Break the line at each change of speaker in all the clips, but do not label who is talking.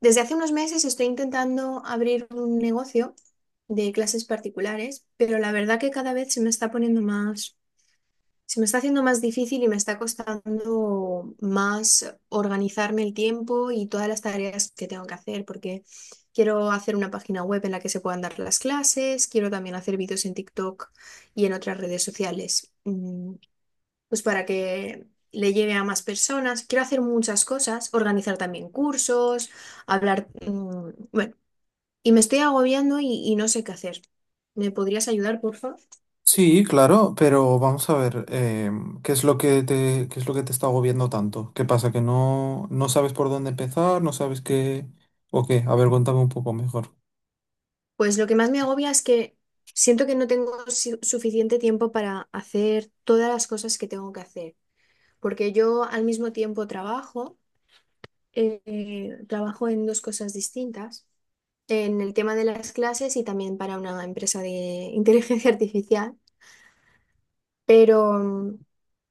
Desde hace unos meses estoy intentando abrir un negocio de clases particulares, pero la verdad que cada vez se me está poniendo más, se me está haciendo más difícil y me está costando más organizarme el tiempo y todas las tareas que tengo que hacer, porque quiero hacer una página web en la que se puedan dar las clases, quiero también hacer vídeos en TikTok y en otras redes sociales. Pues para que le lleve a más personas. Quiero hacer muchas cosas, organizar también cursos, hablar, bueno, y me estoy agobiando y no sé qué hacer. ¿Me podrías ayudar, por favor?
Sí, claro, pero vamos a ver, ¿qué es lo que te, qué es lo que te está agobiando tanto? ¿Qué pasa? ¿Que no sabes por dónde empezar? ¿No sabes qué? ¿O qué? A ver, cuéntame un poco mejor.
Pues lo que más me agobia es que siento que no tengo suficiente tiempo para hacer todas las cosas que tengo que hacer, porque yo al mismo tiempo trabajo en dos cosas distintas en el tema de las clases y también para una empresa de inteligencia artificial. Pero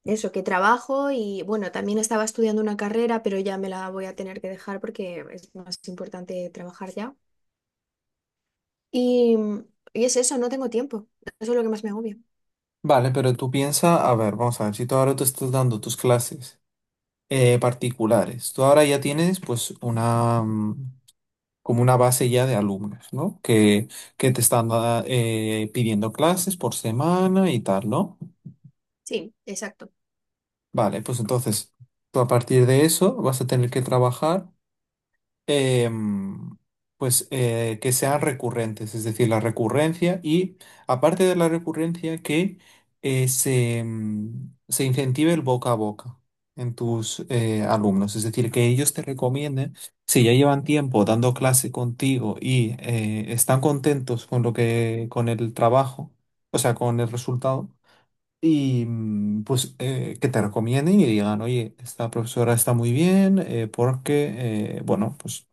eso, que trabajo y bueno, también estaba estudiando una carrera, pero ya me la voy a tener que dejar porque es más importante trabajar ya. Y, mm, y es eso, no tengo tiempo. Eso es lo que más me agobia.
Vale, pero tú piensa, a ver, vamos a ver, si tú ahora te estás dando tus clases particulares, tú ahora ya tienes pues una, como una base ya de alumnos, ¿no? Que te están pidiendo clases por semana y tal, ¿no?
Sí, exacto.
Vale, pues entonces tú a partir de eso vas a tener que trabajar. em, que sean recurrentes, es decir, la recurrencia y aparte de la recurrencia que se incentive el boca a boca en tus alumnos, es decir, que ellos te recomienden, si ya llevan tiempo dando clase contigo y están contentos con lo que, con el trabajo, o sea, con el resultado y que te recomienden y digan, oye, esta profesora está muy bien porque, bueno, pues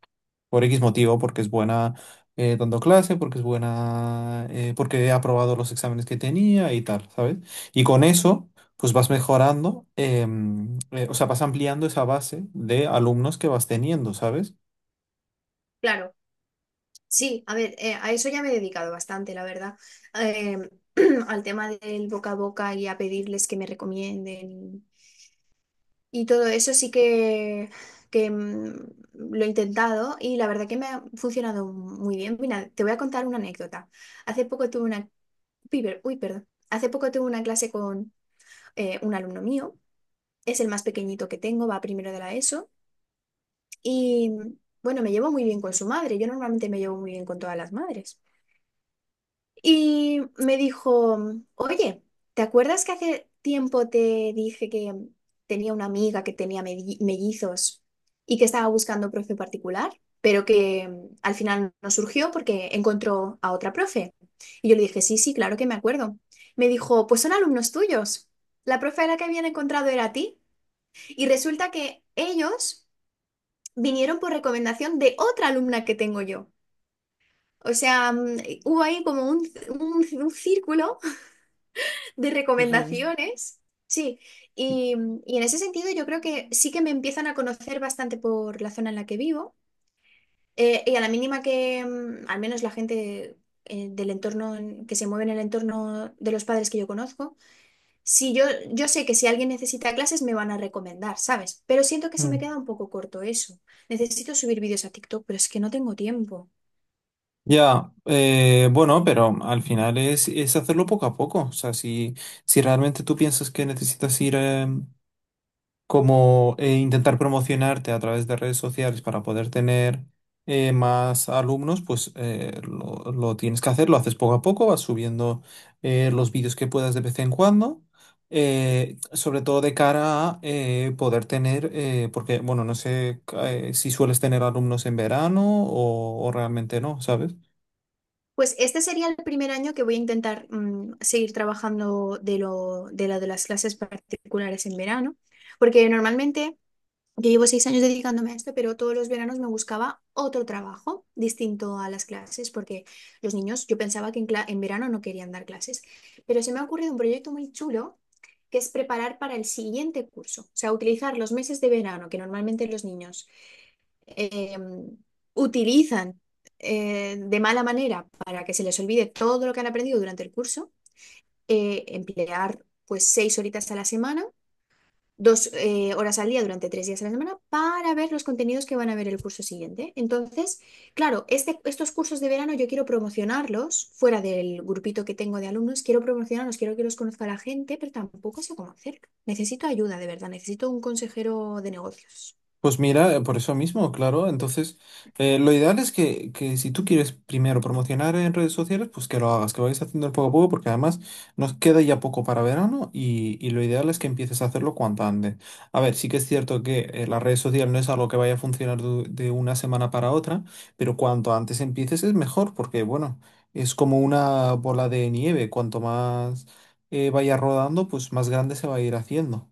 por X motivo, porque es buena dando clase, porque es buena, porque ha aprobado los exámenes que tenía y tal, ¿sabes? Y con eso, pues vas mejorando, o sea, vas ampliando esa base de alumnos que vas teniendo, ¿sabes?
Claro. Sí, a ver, a eso ya me he dedicado bastante, la verdad. Eh, al tema del boca a boca y a pedirles que me recomienden. Y todo eso sí que lo he intentado y la verdad que me ha funcionado muy bien. Mira, te voy a contar una anécdota. Hace poco tuve una... piber- Uy, perdón. Hace poco tuve una clase con un alumno mío. Es el más pequeñito que tengo, va primero de la ESO. Y bueno, me llevo muy bien con su madre. Yo normalmente me llevo muy bien con todas las madres. Y me dijo, oye, ¿te acuerdas que hace tiempo te dije que tenía una amiga que tenía mellizos y que estaba buscando profe particular, pero que al final no surgió porque encontró a otra profe? Y yo le dije, sí, sí, claro que me acuerdo. Me dijo, pues son alumnos tuyos. La profe a la que habían encontrado era a ti. Y resulta que ellos vinieron por recomendación de otra alumna que tengo yo. O sea, hubo ahí como un círculo de recomendaciones. Sí, y, y en ese sentido yo creo que sí que me empiezan a conocer bastante por la zona en la que vivo, y a la mínima que, al menos la gente del entorno que se mueve en el entorno de los padres que yo conozco, si yo, yo sé que si alguien necesita clases me van a recomendar, ¿sabes? Pero siento que se me
Fíjate.
queda un poco corto eso. Necesito subir vídeos a TikTok, pero es que no tengo tiempo.
Ya, bueno, pero al final es hacerlo poco a poco. O sea, si, si realmente tú piensas que necesitas ir como intentar promocionarte a través de redes sociales para poder tener más alumnos, pues lo tienes que hacer, lo haces poco a poco, vas subiendo los vídeos que puedas de vez en cuando. Sobre todo de cara a poder tener, porque, bueno, no sé si sueles tener alumnos en verano o realmente no, ¿sabes?
Pues este sería el primer año que voy a intentar seguir trabajando de lo, de la- de las clases particulares en verano, porque normalmente yo llevo 6 años dedicándome a esto, pero todos los veranos me buscaba otro trabajo distinto a las clases, porque los niños, yo pensaba que en verano no querían dar clases, pero se me ha ocurrido un proyecto muy chulo que es preparar para el siguiente curso, o sea, utilizar los meses de verano que normalmente los niños eh, utilizan de mala manera para que se les olvide todo lo que han aprendido durante el curso. Emplear pues 6 horitas a la semana, dos horas al día durante 3 días a la semana para ver los contenidos que van a ver el curso siguiente. Entonces, claro, estos cursos de verano yo quiero promocionarlos fuera del grupito que tengo de alumnos, quiero promocionarlos, quiero que los conozca la gente, pero tampoco sé cómo hacerlo. Necesito ayuda, de verdad, necesito un consejero de negocios.
Pues mira, por eso mismo, claro. Entonces, lo ideal es que si tú quieres primero promocionar en redes sociales, pues que lo hagas, que vayas haciendo poco a poco, porque además nos queda ya poco para verano y lo ideal es que empieces a hacerlo cuanto antes. A ver, sí que es cierto que las redes sociales no es algo que vaya a funcionar de una semana para otra, pero cuanto antes empieces es mejor, porque bueno, es como una bola de nieve. Cuanto más vaya rodando, pues más grande se va a ir haciendo.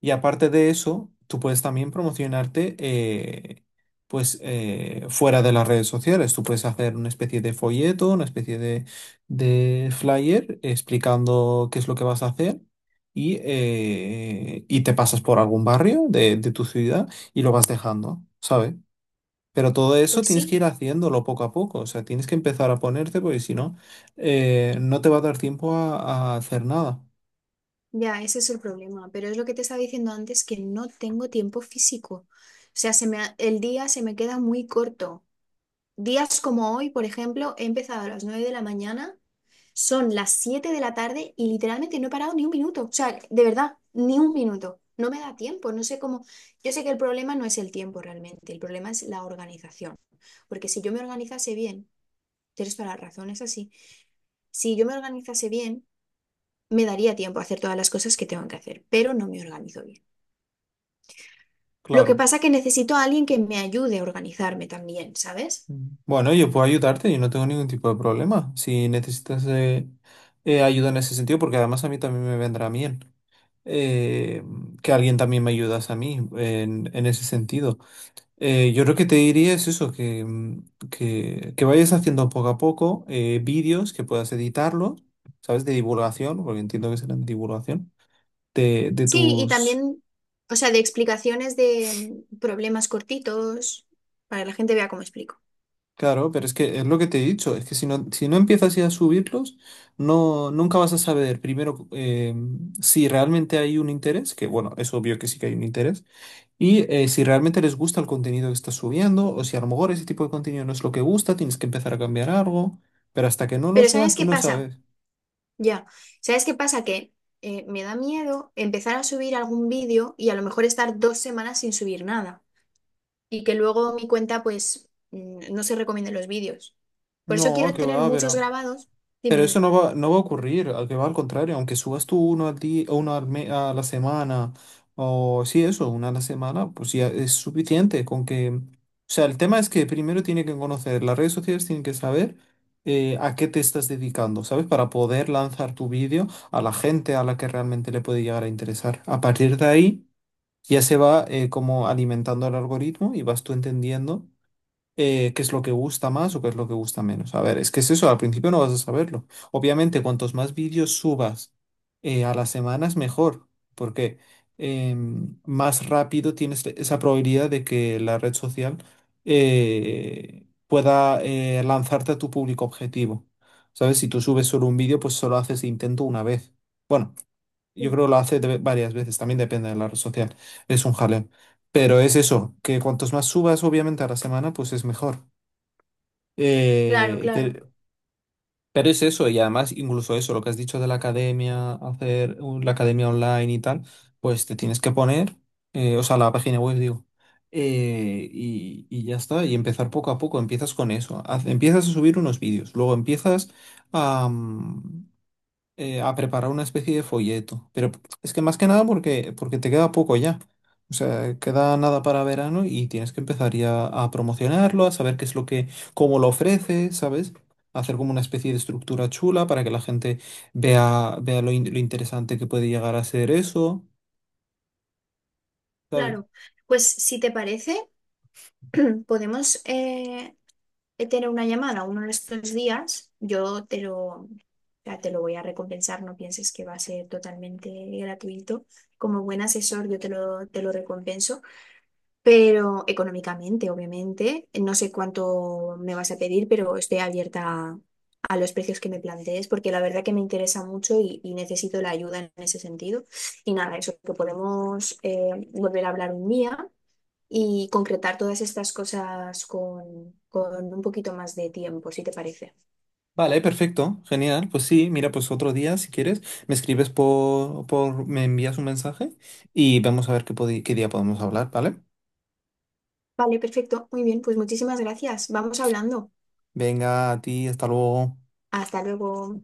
Y aparte de eso, tú puedes también promocionarte fuera de las redes sociales. Tú puedes hacer una especie de folleto, una especie de flyer explicando qué es lo que vas a hacer y te pasas por algún barrio de tu ciudad y lo vas dejando, ¿sabes? Pero todo eso
Pues
tienes que
sí.
ir haciéndolo poco a poco. O sea, tienes que empezar a ponerte porque si no, no te va a dar tiempo a hacer nada.
Ya, ese es el problema, pero es lo que te estaba diciendo antes, que no tengo tiempo físico. O sea, el día se me queda muy corto. Días como hoy, por ejemplo, he empezado a las 9 de la mañana, son las 7 de la tarde y literalmente no he parado ni un minuto. O sea, de verdad, ni un minuto. No me da tiempo, no sé cómo. Yo sé que el problema no es el tiempo realmente, el problema es la organización. Porque si yo me organizase bien, tienes toda la razón, es así. Si yo me organizase bien me daría tiempo a hacer todas las cosas que tengo que hacer, pero no me organizo bien. Lo que
Claro.
pasa es que necesito a alguien que me ayude a organizarme también, ¿sabes?
Mm. Bueno, yo puedo ayudarte, yo no tengo ningún tipo de problema. Si necesitas ayuda en ese sentido, porque además a mí también me vendrá bien eh, que alguien también me ayudas a mí en ese sentido. Yo lo que te diría es eso, que vayas haciendo poco a poco vídeos que puedas editarlos, ¿sabes? De divulgación, porque entiendo que serán de divulgación, de
Sí, y
tus...
también, o sea, de explicaciones de problemas cortitos, para que la gente vea cómo explico.
Claro, pero es que es lo que te he dicho, es que si no, si no empiezas ya a subirlos, no, nunca vas a saber primero si realmente hay un interés, que bueno, es obvio que sí que hay un interés, y si realmente les gusta el contenido que estás subiendo, o si a lo mejor ese tipo de contenido no es lo que gusta, tienes que empezar a cambiar algo, pero hasta que no lo
Pero
subas,
¿sabes
tú
qué
no
pasa?
sabes.
Ya, ¿sabes qué pasa? Que me da miedo empezar a subir algún vídeo y a lo mejor estar 2 semanas sin subir nada, y que luego mi cuenta pues no se recomienden los vídeos. Por eso
No,
quiero
que
tener
va,
muchos
pero...
grabados. Dime,
Pero eso
dime.
no va, no va a ocurrir, al que va al contrario, aunque subas tú uno al día, o uno al a la semana, o sí, eso, una a la semana, pues ya es suficiente con que... O sea, el tema es que primero tiene que conocer, las redes sociales tienen que saber a qué te estás dedicando, ¿sabes? Para poder lanzar tu vídeo a la gente a la que realmente le puede llegar a interesar. A partir de ahí ya se va como alimentando el algoritmo y vas tú entendiendo qué es lo que gusta más o qué es lo que gusta menos. A ver, es que es eso, al principio no vas a saberlo. Obviamente, cuantos más vídeos subas a las semanas, mejor, porque más rápido tienes esa probabilidad de que la red social pueda lanzarte a tu público objetivo. ¿Sabes? Si tú subes solo un vídeo, pues solo haces intento una vez. Bueno, yo
Sí.
creo que lo hace varias veces, también depende de la red social. Es un jaleo. Pero es eso, que cuantos más subas, obviamente, a la semana, pues es mejor.
Claro,
Eh,
claro,
te- pero es eso, y además, incluso eso, lo que has dicho de la academia, hacer la academia online y tal, pues te tienes que poner, o sea, la página web, digo, y ya está, y empezar poco a poco. Empiezas con eso, empiezas a subir unos vídeos, luego empiezas a. A preparar una especie de folleto. Pero es que más que nada porque, porque te queda poco ya. O sea, queda nada para verano y tienes que empezar ya a promocionarlo, a saber qué es lo que, cómo lo ofreces, ¿sabes? Hacer como una especie de estructura chula para que la gente vea, vea lo, lo interesante que puede llegar a ser eso, ¿sabes?
claro. Pues si te parece, podemos tener una llamada uno de estos días. O sea, te lo voy a recompensar, no pienses que va a ser totalmente gratuito. Como buen asesor, te lo recompenso. Pero económicamente, obviamente, no sé cuánto me vas a pedir, pero estoy abierta a los precios que me plantees, porque la verdad que me interesa mucho y necesito la ayuda en ese sentido. Y nada, eso, que podemos volver a hablar un día y concretar todas estas cosas con un poquito más de tiempo, si te parece.
Vale, perfecto, genial. Pues sí, mira, pues otro día, si quieres, me escribes por, me envías un mensaje y vamos a ver qué, qué día podemos hablar, ¿vale?
Vale, perfecto, muy bien, pues muchísimas gracias. Vamos hablando.
Venga, a ti, hasta luego.
Hasta luego.